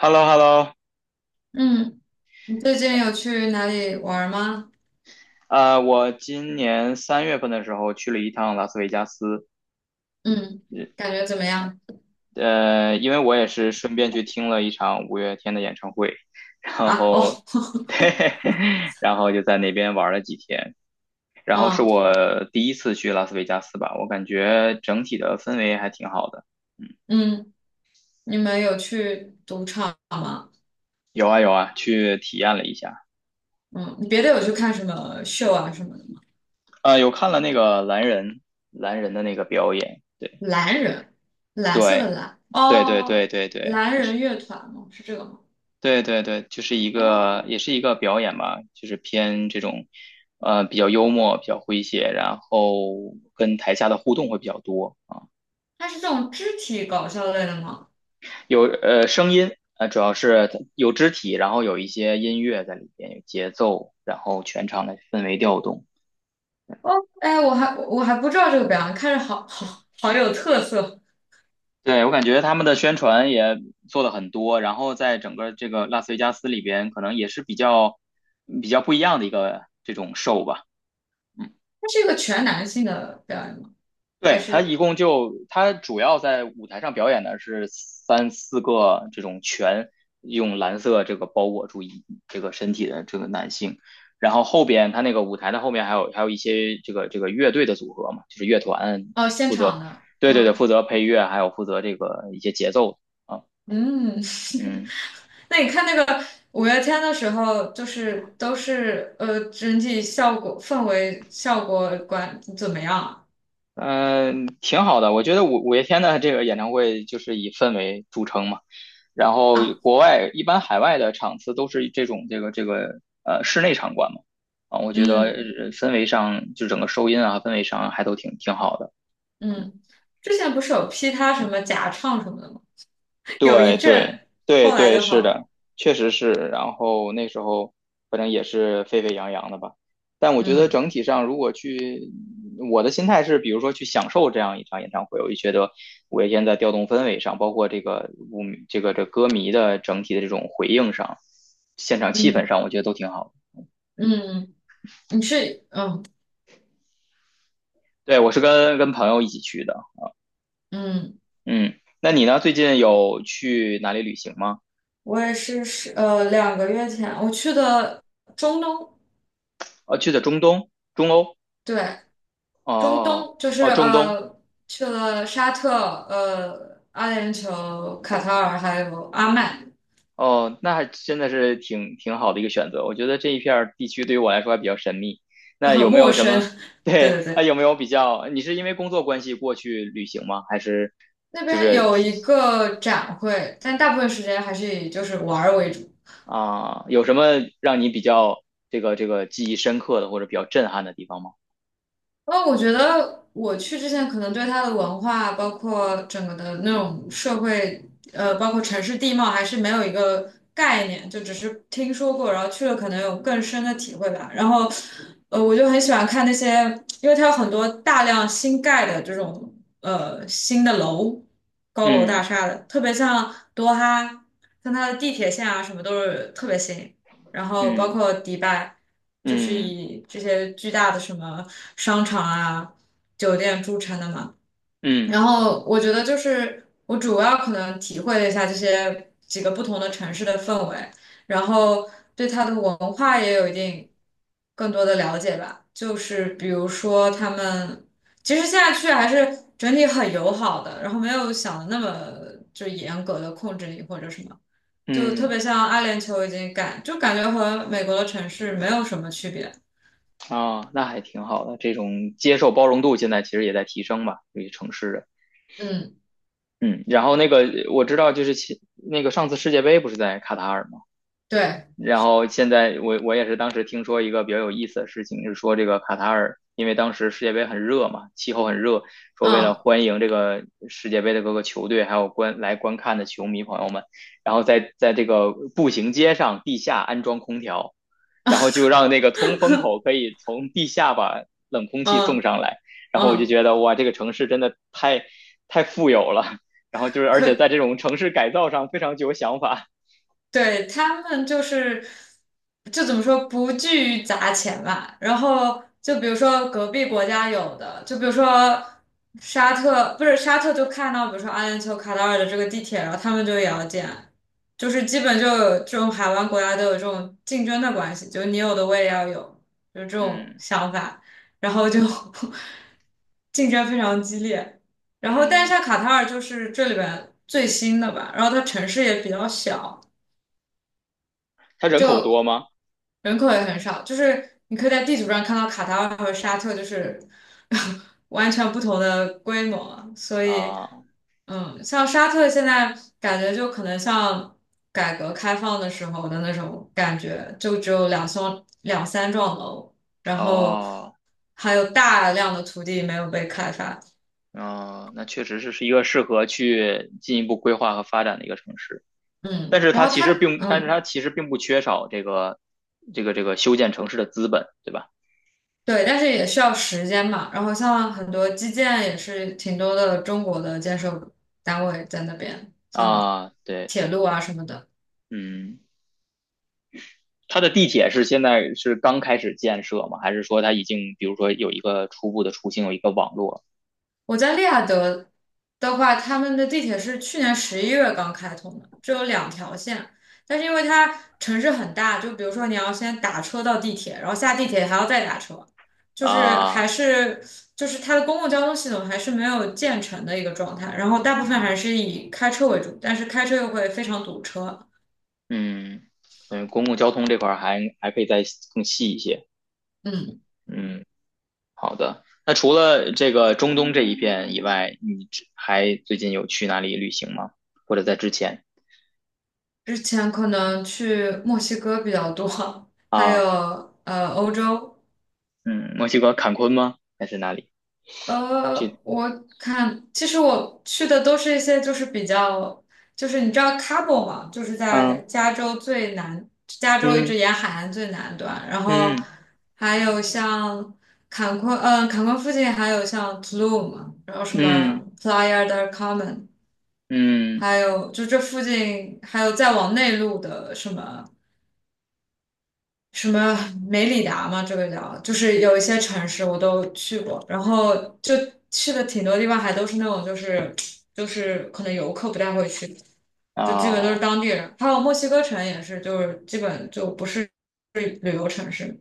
Hello, hello.。 嗯，你最近有去哪里玩儿吗？我今年3月份的时候去了一趟拉斯维加斯。嗯，感觉怎么样？因为我也是顺便去听了一场五月天的演唱会，然啊，哦，后，对，然后就在那边玩了几天。然后是嗯我第一次去拉斯维加斯吧，我感觉整体的氛围还挺好的。嗯。嗯，你们有去赌场吗？有啊有啊，去体验了一下。嗯，你别的有去看什么秀啊什么的吗？啊，有看了那个蓝人的那个表演。蓝人，蓝色的对蓝，对对对哦，对对对，蓝他人是。乐团吗？是这个吗？对对对，就是一个哦，也是一个表演吧，就是偏这种，比较幽默，比较诙谐，然后跟台下的互动会比较多啊。它是这种肢体搞笑类的吗？有声音，主要是有肢体，然后有一些音乐在里边，有节奏，然后全场的氛围调动。哦，哎，我还不知道这个表演，看着好好好有特色。对，我感觉他们的宣传也做了很多，然后在整个这个拉斯维加斯里边，可能也是比较不一样的一个这种 show 吧。嗯。它是一个全男性的表演吗？还对，他是一共就他主要在舞台上表演的是3、4个这种全用蓝色这个包裹住这个身体的这个男性，然后后边他那个舞台的后面还有一些这个乐队的组合嘛，就是乐团哦现负场责。的？对对对，嗯。负责配乐，还有负责这个一些节奏啊。嗯，嗯那你看那个五月天的时候，就是都是整体效果、氛围、效果管怎么样啊？嗯，挺好的，我觉得五月天的这个演唱会就是以氛围著称嘛。然后啊，国外一般海外的场次都是这种这个室内场馆嘛。啊，我觉得嗯氛围上就整个收音啊氛围上还都挺好的。嗯，之前不是有批他什么假唱什么的吗？有一对对阵，对后来对，就是好了。的，确实是。然后那时候反正也是沸沸扬扬的吧。但我觉得嗯整体上，如果去，我的心态是，比如说去享受这样一场演唱会，我就觉得五月天在调动氛围上，包括这个舞这个这歌迷的整体的这种回应上，现场气氛嗯上，我觉得都挺好的。嗯。你是嗯对，我是跟朋友一起去的。嗯，嗯，那你呢？最近有去哪里旅行吗？我也是2个月前我去的中东。哦，去的中东、中欧。对，中哦东就是哦，中东。去了沙特、阿联酋、卡塔尔还有阿曼，哦，那还真的是挺好的一个选择。我觉得这一片儿地区对于我来说还比较神秘。就那很有没陌有什生。么？对对，对那对，有没有比较？你是因为工作关系过去旅行吗？还是那就边是有一个展会，但大部分时间还是以就是玩儿为主。啊，有什么让你比较这个记忆深刻的或者比较震撼的地方吗？哦，我觉得我去之前可能对它的文化，包括整个的那种社会，包括城市地貌，还是没有一个概念，就只是听说过，然后去了可能有更深的体会吧。然后，我就很喜欢看那些，因为它有很多大量新盖的这种新的楼，高楼大嗯厦的，特别像多哈，像它的地铁线啊什么都是特别新。然后包嗯括迪拜，就是嗯以这些巨大的什么商场啊、酒店著称的嘛。嗯然嗯。后我觉得就是我主要可能体会了一下这些几个不同的城市的氛围，然后对它的文化也有一定更多的了解吧。就是比如说他们，其实现在去还是整体很友好的，然后没有想的那么就严格的控制你或者什么。就特嗯。别像阿联酋已经感觉和美国的城市没有什么区别。啊，那还挺好的，这种接受包容度现在其实也在提升吧，对于城市人。嗯，嗯，然后那个我知道，就是那个上次世界杯不是在卡塔尔吗？对，然后现在我也是当时听说一个比较有意思的事情，是说这个卡塔尔，因为当时世界杯很热嘛，气候很热，说为了嗯欢迎这个世界杯的各个球队，还有观看的球迷朋友们，然后在这个步行街上地下安装空调，然后就让那个通风口可以从地下把冷空气送嗯上来。然后我就嗯，觉得哇，这个城市真的太富有了。然后就是而且可在这种城市改造上非常具有想法。对，他们就是，就怎么说，不惧于砸钱吧。然后就比如说隔壁国家有的，就比如说沙特，不是沙特就看到，比如说阿联酋、卡塔尔的这个地铁，然后他们就也要建，就是基本就有这种海湾国家都有这种竞争的关系，就你有的我也要有，就是这种嗯想法，然后就 竞争非常激烈。然后，但是嗯。像卡塔尔就是这里边最新的吧，然后它城市也比较小。它人口多就吗？人口也很少，就是你可以在地图上看到卡塔尔和沙特就是 完全不同的规模，所以啊，嗯，像沙特现在感觉就可能像改革开放的时候的那种感觉，就只有两栋两三幢楼，然后哦，还有大量的土地没有被开发，哦，那确实是一个适合去进一步规划和发展的一个城市。但嗯，是然它后其实它并，嗯。不缺少这个这个修建城市的资本，对吧？对，但是也需要时间嘛。然后像很多基建也是挺多的中国的建设单位在那边，像啊，对铁对，路啊什么的。嗯，它的地铁是现在是刚开始建设吗？还是说它已经，比如说有一个初步的雏形，有一个网络我在利雅得的话，他们的地铁是去年11月刚开通的，只有2条线。但是因为它城市很大，就比如说你要先打车到地铁，然后下地铁还要再打车，就是还啊？是就是它的公共交通系统还是没有建成的一个状态。然后大部分嗯还是以开车为主，但是开车又会非常堵车。嗯，嗯，公共交通这块儿还可以再更细一些。嗯，嗯。好的，那除了这个中东这一片以外，你之还最近有去哪里旅行吗？或者在之前。之前可能去墨西哥比较多，还有啊，欧洲。嗯，墨西哥坎昆吗？还是哪里去？我看其实我去的都是一些就是比较，就是你知道 Cabo 嘛，就是在嗯加州最南，加州一直嗯沿海岸最南端，然后嗯还有像坎昆，坎昆附近还有像 Tulum，然后什么 嗯 Playa del Carmen，嗯还有就这附近还有再往内陆的什么。什么梅里达嘛，这个叫，就是有一些城市我都去过，然后就去的挺多地方，还都是那种就是可能游客不太会去，就基本都是啊，当地人。还有墨西哥城也是，就是基本就不是旅游城市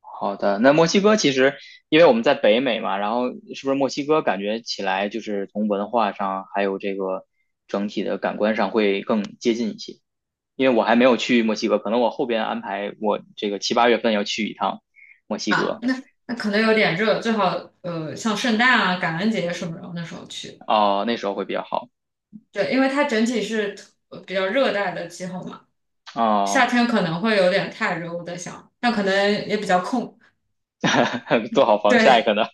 好的。那墨西哥其实，因为我们在北美嘛，然后是不是墨西哥感觉起来就是从文化上还有这个整体的感官上会更接近一些？因为我还没有去墨西哥，可能我后边安排我这个7、8月份要去一趟墨西啊。哥。那可能有点热，最好像圣诞啊、感恩节什么的那时候去，哦，那时候会比较好。对，因为它整体是比较热带的气候嘛，夏哦，天可能会有点太热，我在想，那可能也比较空，做好防晒对。可能。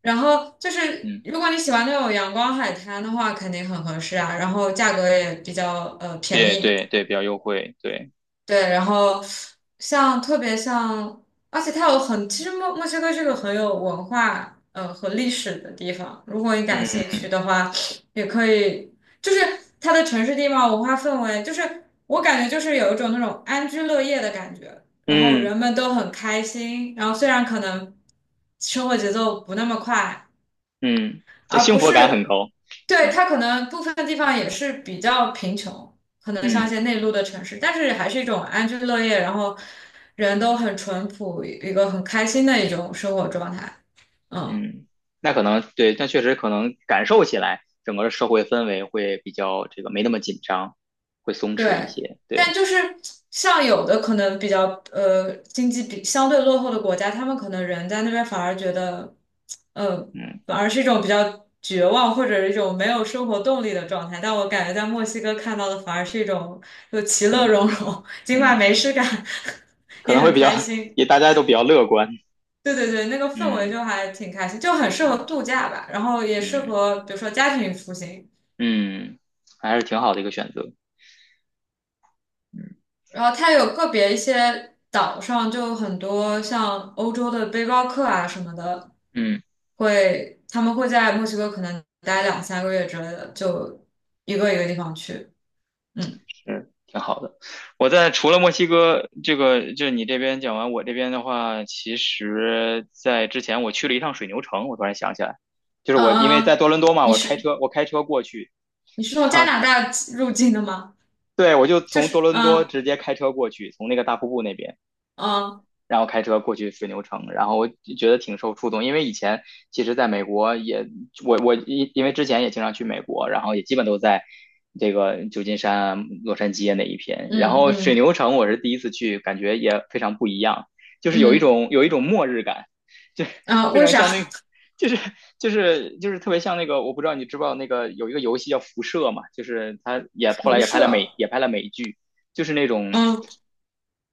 然后就是，嗯，如果你喜欢那种阳光海滩的话，肯定很合适啊。然后价格也比较便对宜，对对，比较优惠，对。对。然后像特别像，而且它有很，其实墨西哥是个很有文化和历史的地方。如果你感兴嗯趣的话，也可以，就是它的城市地貌、文化氛围，就是我感觉就是有一种那种安居乐业的感觉。然后嗯人们都很开心，然后虽然可能生活节奏不那么快。嗯，这而幸不福感很是，高，对，对。它可能部分地方也是比较贫穷，可能像一嗯些内陆的城市，但是还是一种安居乐业，然后人都很淳朴，一个很开心的一种生活状态。嗯。嗯，那可能对，但确实可能感受起来，整个社会氛围会比较这个没那么紧张，会松弛一对，些，但对。就是像有的可能比较经济比相对落后的国家，他们可能人在那边反而觉得，呃，嗯反而是一种比较绝望或者是一种没有生活动力的状态。但我感觉在墨西哥看到的反而是一种就其乐嗯融融，尽管嗯，没事干，可也能会很比较 开 心。也大家都比较乐观。对对对，那个氛围嗯就还挺开心，就很适合嗯。度假吧，然后也适嗯合比如说家庭旅行。嗯，还是挺好的一个选择。嗯然后它有个别一些岛上就很多像欧洲的背包客啊什么的，嗯，他们会在墨西哥可能待两三个月之类的，就一个一个地方去。嗯是挺好的。我在除了墨西哥这个，就是你这边讲完，我这边的话，其实在之前我去了一趟水牛城，我突然想起来，就是嗯我因为嗯，在多伦多嘛，你我开是车我开车过去。你是 从然加后拿大入境的吗？对我就就从多是伦多直接开车过去，从那个大瀑布那边。嗯然后开车过去水牛城，然后我觉得挺受触动，因为以前其实在美国也，我因为之前也经常去美国，然后也基本都在这个旧金山啊、洛杉矶啊那一片，然嗯后水嗯牛城我是第一次去，感觉也非常不一样，就是有一嗯种有一种末日感。就 啊，非为常啥 像那个。就是就是就是特别像那个，我不知道你知不知道那个有一个游戏叫《辐射》嘛，就是它 也后来辐也拍了美射？剧，就是那种嗯，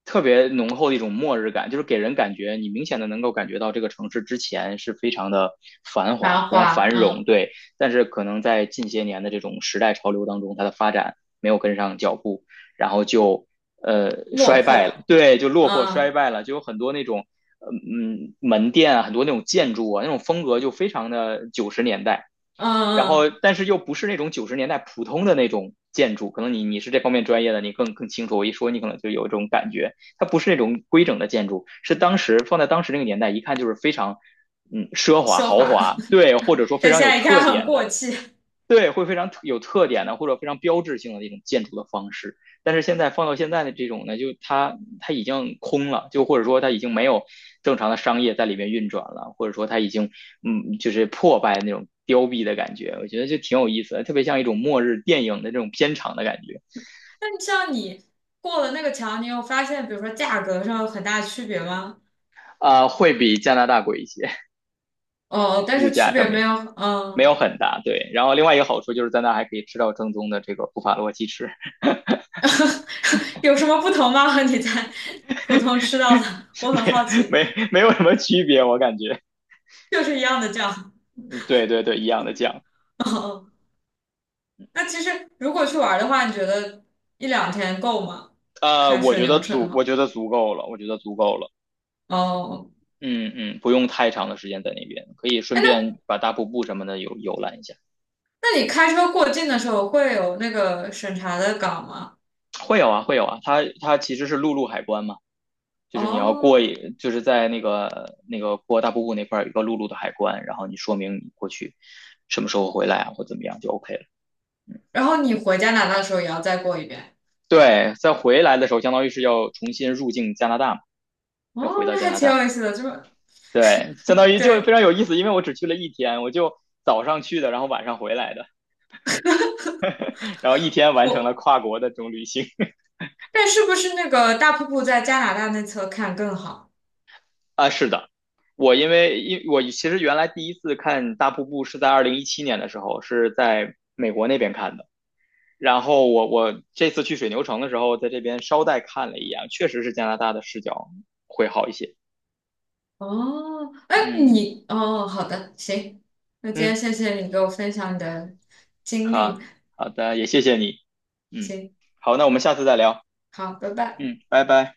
特别浓厚的一种末日感，就是给人感觉你明显的能够感觉到这个城市之前是非常的繁华、繁非常繁华，荣，嗯，对。但是可能在近些年的这种时代潮流当中，它的发展没有跟上脚步，然后就落衰败了，魄，对，就落魄衰嗯败了，就有很多那种。嗯嗯，门店啊，很多那种建筑啊，那种风格就非常的九十年代。然嗯后嗯，但是又不是那种九十年代普通的那种建筑，可能你是这方面专业的，你更清楚。我一说你可能就有这种感觉，它不是那种规整的建筑，是当时放在当时那个年代，一看就是非常奢华奢豪华，华，对，或者说非但现常有在一特看很点过的。气。对，会非常有特点的或者非常标志性的那种建筑的方式。但是现在放到现在的这种呢，就它已经空了，就或者说它已经没有正常的商业在里面运转了，或者说它已经就是破败那种凋敝的感觉。我觉得就挺有意思的，特别像一种末日电影的这种片场的感觉。那像你过了那个桥，你有发现，比如说价格上有很大区别吗？啊,会比加拿大贵一些，哦，但物是区价上别没面有，没有嗯，很大。对，然后另外一个好处就是在那还可以吃到正宗的这个布法罗鸡翅。有什么不同吗？和你在普通吃到的，我很好 奇，没有什么区别，我感觉。就是一样的酱。嗯对对对，一样的酱。哦，那其实如果去玩的话，你觉得一两天够吗？开顺流程的我话，觉得足够了，我觉得足够了。哦，嗯嗯，不用太长的时间在那边，可以顺哎，那便把大瀑布什么的游览一下。那你开车过境的时候会有那个审查的岗吗？会有啊，会有啊，它其实是陆路海关嘛，就是你要哦，就是在那个过大瀑布那块儿有一个陆路的海关，然后你说明你过去什么时候回来啊，或怎么样就 OK 了。然后你回加拿大的时候也要再过一遍。对，在回来的时候，相当于是要重新入境加拿大嘛，哦，要回到那加还拿挺大。有意思的，就是对，相当于就非对，常有意思，因为我只去了一天，我就早上去的，然后晚上回来的。然后一天完成了我，跨国的这种旅行。 但是不是那个大瀑布在加拿大那侧看更好？啊。是的，我因为因我其实原来第一次看大瀑布是在2017年的时候，是在美国那边看的。然后我这次去水牛城的时候，在这边捎带看了一眼，确实是加拿大的视角会好一些。哦，哎，嗯哦，好的，行，那今嗯，天谢谢你给我分享你的经历，好,好的,也谢谢你。嗯，行，好，那我们下次再聊。好，拜拜。嗯，拜拜。